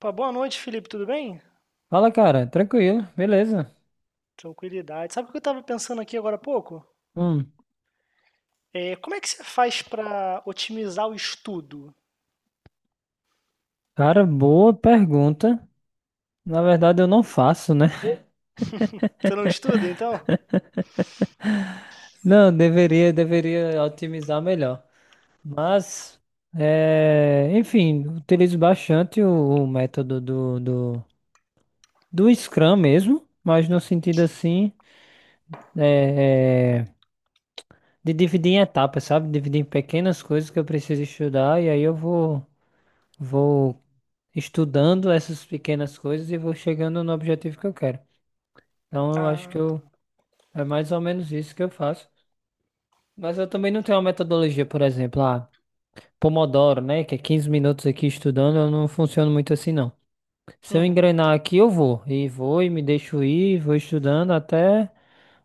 Pô, boa noite, Felipe, tudo bem? Fala, cara. Tranquilo, beleza. Tranquilidade. Sabe o que eu estava pensando aqui agora há pouco? Hum, É, como é que você faz para otimizar o estudo? cara, boa pergunta. Na verdade, eu não faço, né? Você não estuda, então? Não, deveria, otimizar melhor. Mas, utilizo bastante o método do Scrum mesmo, mas no sentido assim, é, é, de dividir em etapas, sabe? Dividir em pequenas coisas que eu preciso estudar e aí eu vou. Vou estudando essas pequenas coisas e vou chegando no objetivo que eu quero. Então, eu acho que Ah, eu, tá. é mais ou menos isso que eu faço. Mas eu também não tenho uma metodologia, por exemplo, Pomodoro, né? Que é 15 minutos aqui estudando, eu não funciono muito assim, não. Se eu Uhum. engrenar aqui, eu vou. E vou e me deixo ir, vou estudando até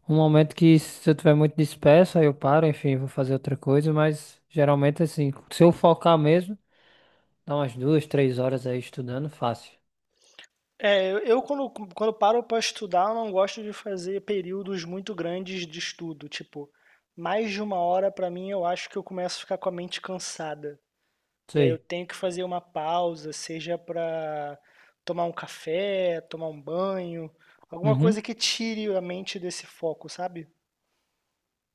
um momento que, se eu tiver muito disperso, aí eu paro, enfim, vou fazer outra coisa. Mas geralmente, assim, se eu focar mesmo, dá umas duas, três horas aí estudando, fácil. É, eu quando, quando paro para estudar, eu não gosto de fazer períodos muito grandes de estudo. Tipo, mais de uma hora para mim, eu acho que eu começo a ficar com a mente cansada. E aí eu Sei. tenho que fazer uma pausa, seja para tomar um café, tomar um banho, alguma coisa que tire a mente desse foco, sabe?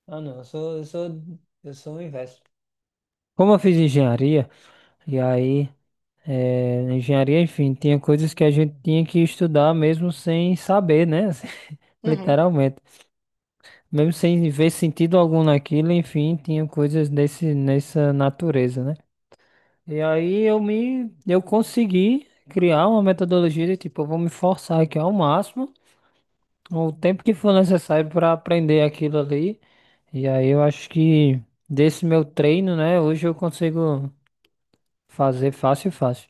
Ah, não, eu sou o inverso. Como eu fiz engenharia, e aí, na engenharia, enfim, tinha coisas que a gente tinha que estudar mesmo sem saber, né? Assim, Uhum. literalmente. Mesmo sem ver sentido algum naquilo, enfim, tinha coisas desse, nessa natureza, né? Eu consegui criar uma metodologia de tipo, eu vou me forçar aqui ao máximo, o tempo que for necessário para aprender aquilo ali. E aí eu acho que desse meu treino, né, hoje eu consigo fazer fácil, fácil.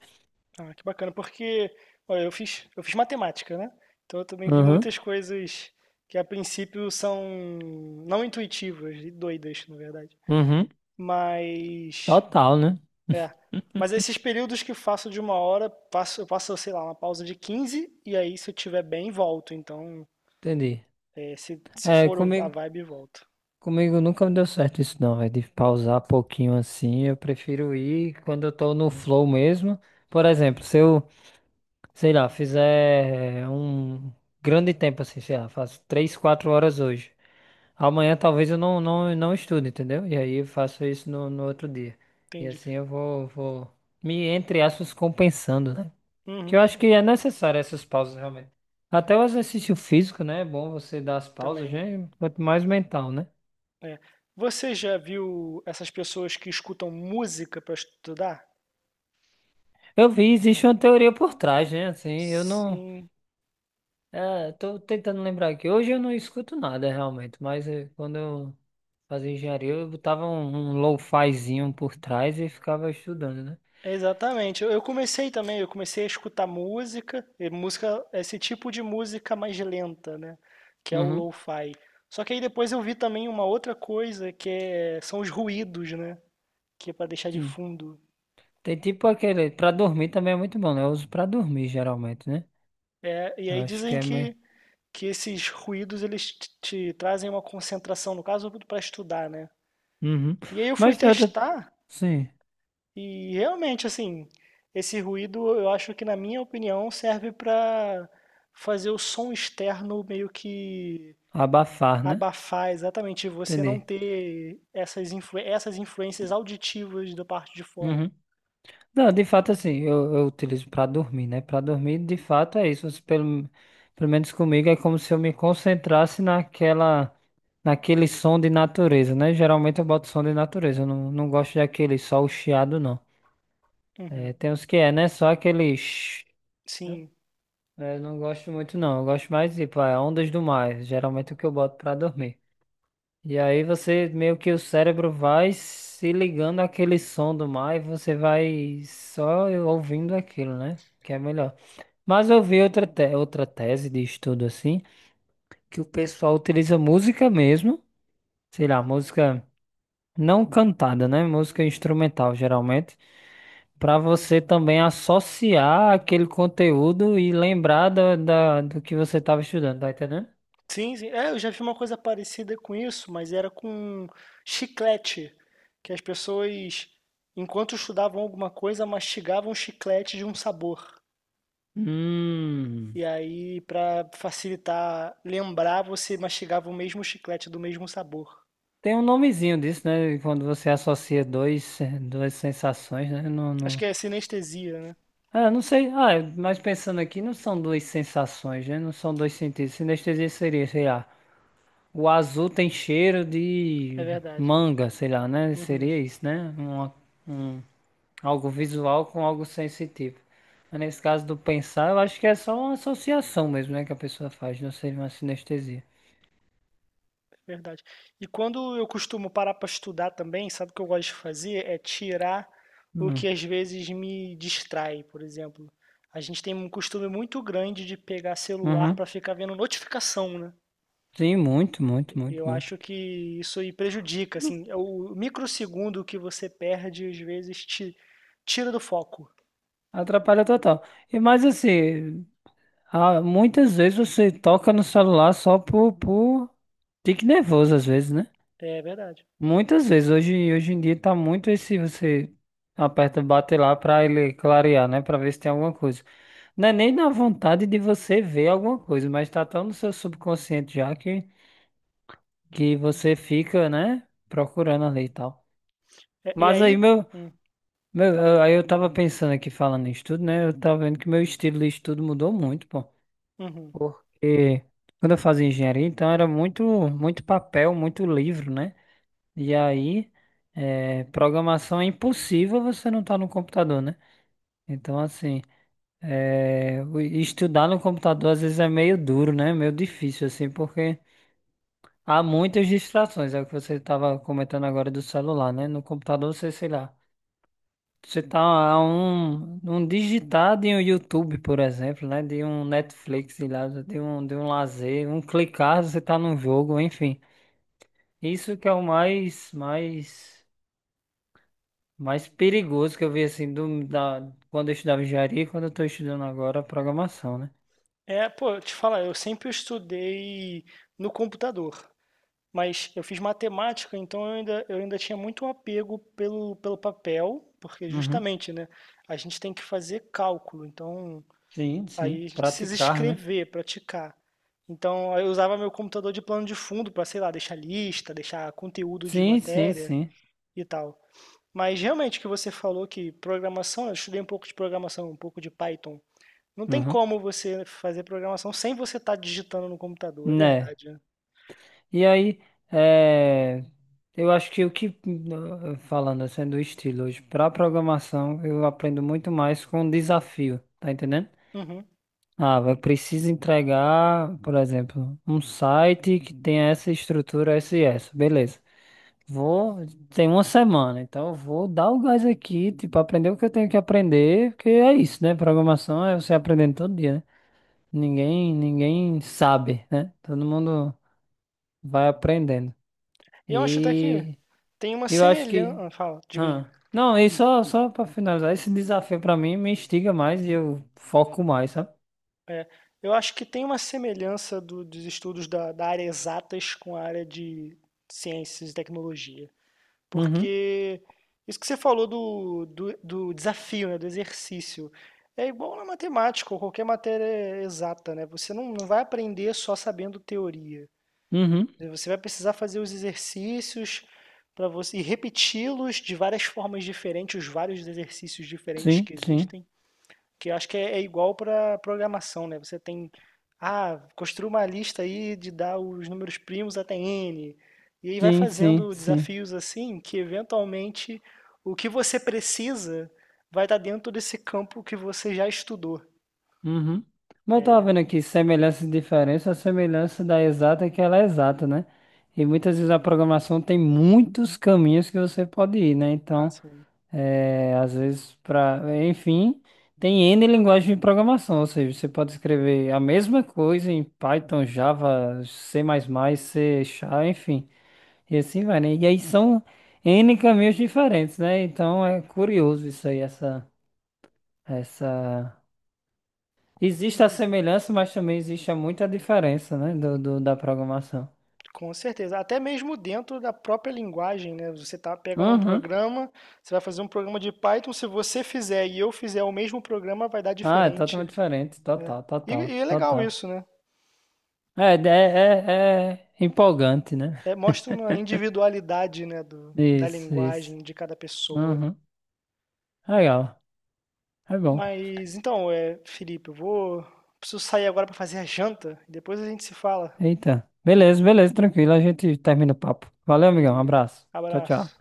Ah, que bacana, porque, olha, eu fiz matemática, né? Então eu também vi Uhum, muitas coisas que a princípio são não intuitivas e doidas, na verdade. uhum, Mas, total, né? é. Mas esses períodos que faço de uma hora, eu passo, sei lá, uma pausa de 15 e aí se eu tiver bem, volto. Então, Entendi. é, se É, for a comigo, vibe, volto. comigo nunca me deu certo isso não, é de pausar pouquinho assim, eu prefiro ir quando eu tô no flow mesmo. Por exemplo, se eu, sei lá, fizer um grande tempo assim, sei lá, faço 3, 4 horas hoje. Amanhã talvez eu não estude, entendeu? E aí eu faço isso no outro dia. E Entendi. assim vou me, entre aspas, compensando, né? Uhum, Que eu acho que é necessário essas pausas realmente. Até o exercício físico, né? É bom você dar as pausas, também. né? Quanto mais mental, né? É. Você já viu essas pessoas que escutam música para estudar? Eu vi, existe uma teoria por trás, né? Assim, eu não. Sim. É, tô tentando lembrar aqui. Hoje eu não escuto nada realmente, mas quando eu fazia engenharia, eu botava um lo-fizinho por trás e ficava estudando, né? Exatamente. Eu comecei também, eu comecei a escutar música, e música, esse tipo de música mais lenta, né? Que é o Uhum. lo-fi. Só que aí depois eu vi também uma outra coisa que é, são os ruídos, né? Que é para deixar de fundo. Tem tipo aquele. Pra dormir também é muito bom, né? Eu uso pra dormir geralmente, né? É, e Eu aí acho que dizem é meio. Que esses ruídos eles te trazem uma concentração, no caso, para estudar, né? Uhum. E aí eu fui Mas tem outra. testar. Sim. E realmente, assim, esse ruído eu acho que, na minha opinião, serve para fazer o som externo meio que Abafar, né? abafar exatamente, você não Entendi. ter essas influências auditivas da parte de fora. Uhum. Não, de fato, assim, eu utilizo pra dormir, né? Pra dormir, de fato, é isso. Você Pelo, pelo menos comigo, é como se eu me concentrasse naquela. Naquele som de natureza, né? Geralmente eu boto som de natureza. Eu não gosto daquele só o chiado, não. Uhum. É, tem uns que é, né? Só aquele. Sim. É, eu não gosto muito não, eu gosto mais de tipo, é, ondas do mar, geralmente é o que eu boto pra dormir. E aí você, meio que o cérebro vai se ligando àquele som do mar e você vai só ouvindo aquilo, né? Que é melhor. Mas eu vi outra tese de estudo assim, que o pessoal utiliza música mesmo, sei lá, música não cantada, né? Música instrumental geralmente, pra você também associar aquele conteúdo e lembrar do que você estava estudando, tá entendendo? Sim, sim. É, eu já vi uma coisa parecida com isso, mas era com chiclete, que as pessoas, enquanto estudavam alguma coisa, mastigavam chiclete de um sabor. Hum, E aí, pra facilitar lembrar, você mastigava o mesmo chiclete do mesmo sabor. tem um nomezinho disso, né? Quando você associa duas sensações, né? Não, Acho não... que é sinestesia, né? Ah, não sei. Ah, mas pensando aqui, não são duas sensações, né? Não são dois sentidos. Sinestesia seria, sei lá, o azul tem cheiro É de verdade. manga, sei lá, né? Uhum, Seria isso, né? Um, algo visual com algo sensitivo. Mas nesse caso do pensar, eu acho que é só uma associação mesmo, né? Que a pessoa faz, não seria uma sinestesia. é verdade. E quando eu costumo parar para estudar também, sabe o que eu gosto de fazer? É tirar o Hum. que às vezes me distrai, por exemplo. A gente tem um costume muito grande de pegar celular Uhum. para ficar vendo notificação, né? Sim, muito, muito, E muito, eu muito. acho que isso aí prejudica, assim, é o microsegundo que você perde às vezes te tira do foco. Atrapalha total. E mais assim, ah, muitas vezes você toca no celular só por tique nervoso, às vezes, né? É verdade. Muitas vezes. Hoje em dia tá muito esse você aperta, bate lá pra ele clarear, né? Pra ver se tem alguma coisa. Não é nem na vontade de você ver alguma coisa, mas tá tão no seu subconsciente que você fica, né? Procurando ali e tal. É, e Mas aí aí meu, hum, fala aí. Aí eu tava pensando aqui falando em estudo, né? Eu tava vendo que meu estilo de estudo mudou muito, pô. Uhum. Porque quando eu fazia engenharia, então era muito, muito papel, muito livro, né? E aí, programação é impossível você não estar no computador, né? Então, assim, estudar no computador às vezes é meio duro, né? Meio difícil, assim, porque há muitas distrações. É o que você estava comentando agora do celular, né? No computador você, sei lá. Você tá a um digitar de um YouTube, por exemplo, né? De um Netflix, sei lá, de um lazer, um clicar, você tá num jogo, enfim. Isso que é o mais perigoso que eu vi, assim, quando eu estudava engenharia e quando eu tô estudando agora programação, né? É, pô, eu te falar, eu sempre estudei no computador, mas eu fiz matemática, então eu ainda tinha muito um apego pelo papel, porque Uhum. justamente, né, a gente tem que fazer cálculo, então Sim, sim. aí a gente precisa Praticar, né? escrever, praticar. Então eu usava meu computador de plano de fundo para, sei lá, deixar lista, deixar conteúdo de Sim, sim, matéria sim. e tal. Mas realmente o que você falou que programação, eu estudei um pouco de programação, um pouco de Python. Não tem Uhum. como você fazer programação sem você estar digitando no computador, é Né? verdade, né. E aí, é, eu acho que, falando assim do estilo hoje, para programação, eu aprendo muito mais com desafio, tá entendendo? Uhum. Ah, vai precisa entregar, por exemplo, um site que tenha essa estrutura, essa e essa, beleza. Vou, tem uma semana, então eu vou dar o gás aqui, tipo, aprender o que eu tenho que aprender, porque é isso, né? Programação é você aprendendo todo dia, né? Ninguém, ninguém sabe, né? Todo mundo vai aprendendo. E eu acho até que E tem uma eu acho que. semelhança. Fala, diga aí. Hã. Não, e só pra finalizar, esse desafio pra mim me instiga mais e eu foco mais, sabe? Eu acho que tem uma semelhança do dos estudos da área exatas com a área de ciências e tecnologia, Uhum, porque isso que você falou do desafio, né, do exercício, é igual na matemática ou qualquer matéria exata, né, você não vai aprender só sabendo teoria. uhum. E você vai precisar fazer os exercícios para você e repeti-los de várias formas diferentes, os vários exercícios diferentes Sim, que sim. existem, que eu acho que é, é igual para programação, né? Você tem, ah, construa uma lista aí de dar os números primos até n, e aí vai Sim, sim, fazendo sim. desafios assim, que eventualmente o que você precisa vai estar dentro desse campo que você já estudou. Uhum. Mas eu tava vendo aqui semelhança e diferença, a semelhança da exata é que ela é exata, né? E muitas vezes a programação tem muitos caminhos que você pode ir, né? Ah, Então. sim. É, às vezes para, enfim, tem N linguagem de programação, ou seja, você pode escrever a mesma coisa em Python, Java, C++, C Sharp, enfim, e assim vai, né? E aí são N caminhos diferentes, né? Então é curioso isso aí, essa... Existe a semelhança, mas também existe muita diferença, né, da programação. Com certeza, até mesmo dentro da própria linguagem, né? Você tá pegando um Uhum. programa, você vai fazer um programa de Python, se você fizer e eu fizer o mesmo programa, vai dar Ah, é diferente, totalmente diferente, né? total, total, E é legal total. isso, né? É, é, é é empolgante, né? É, mostra uma individualidade, né, do, da Isso, isso. linguagem de cada pessoa. Uhum. Legal. É bom. Mas então, é, Felipe, eu vou preciso sair agora para fazer a janta e depois a gente se fala. Eita. Beleza, beleza, tranquilo. A gente termina o papo. Valeu, amigão. Um Beleza. abraço. Tchau, tchau. Abraço.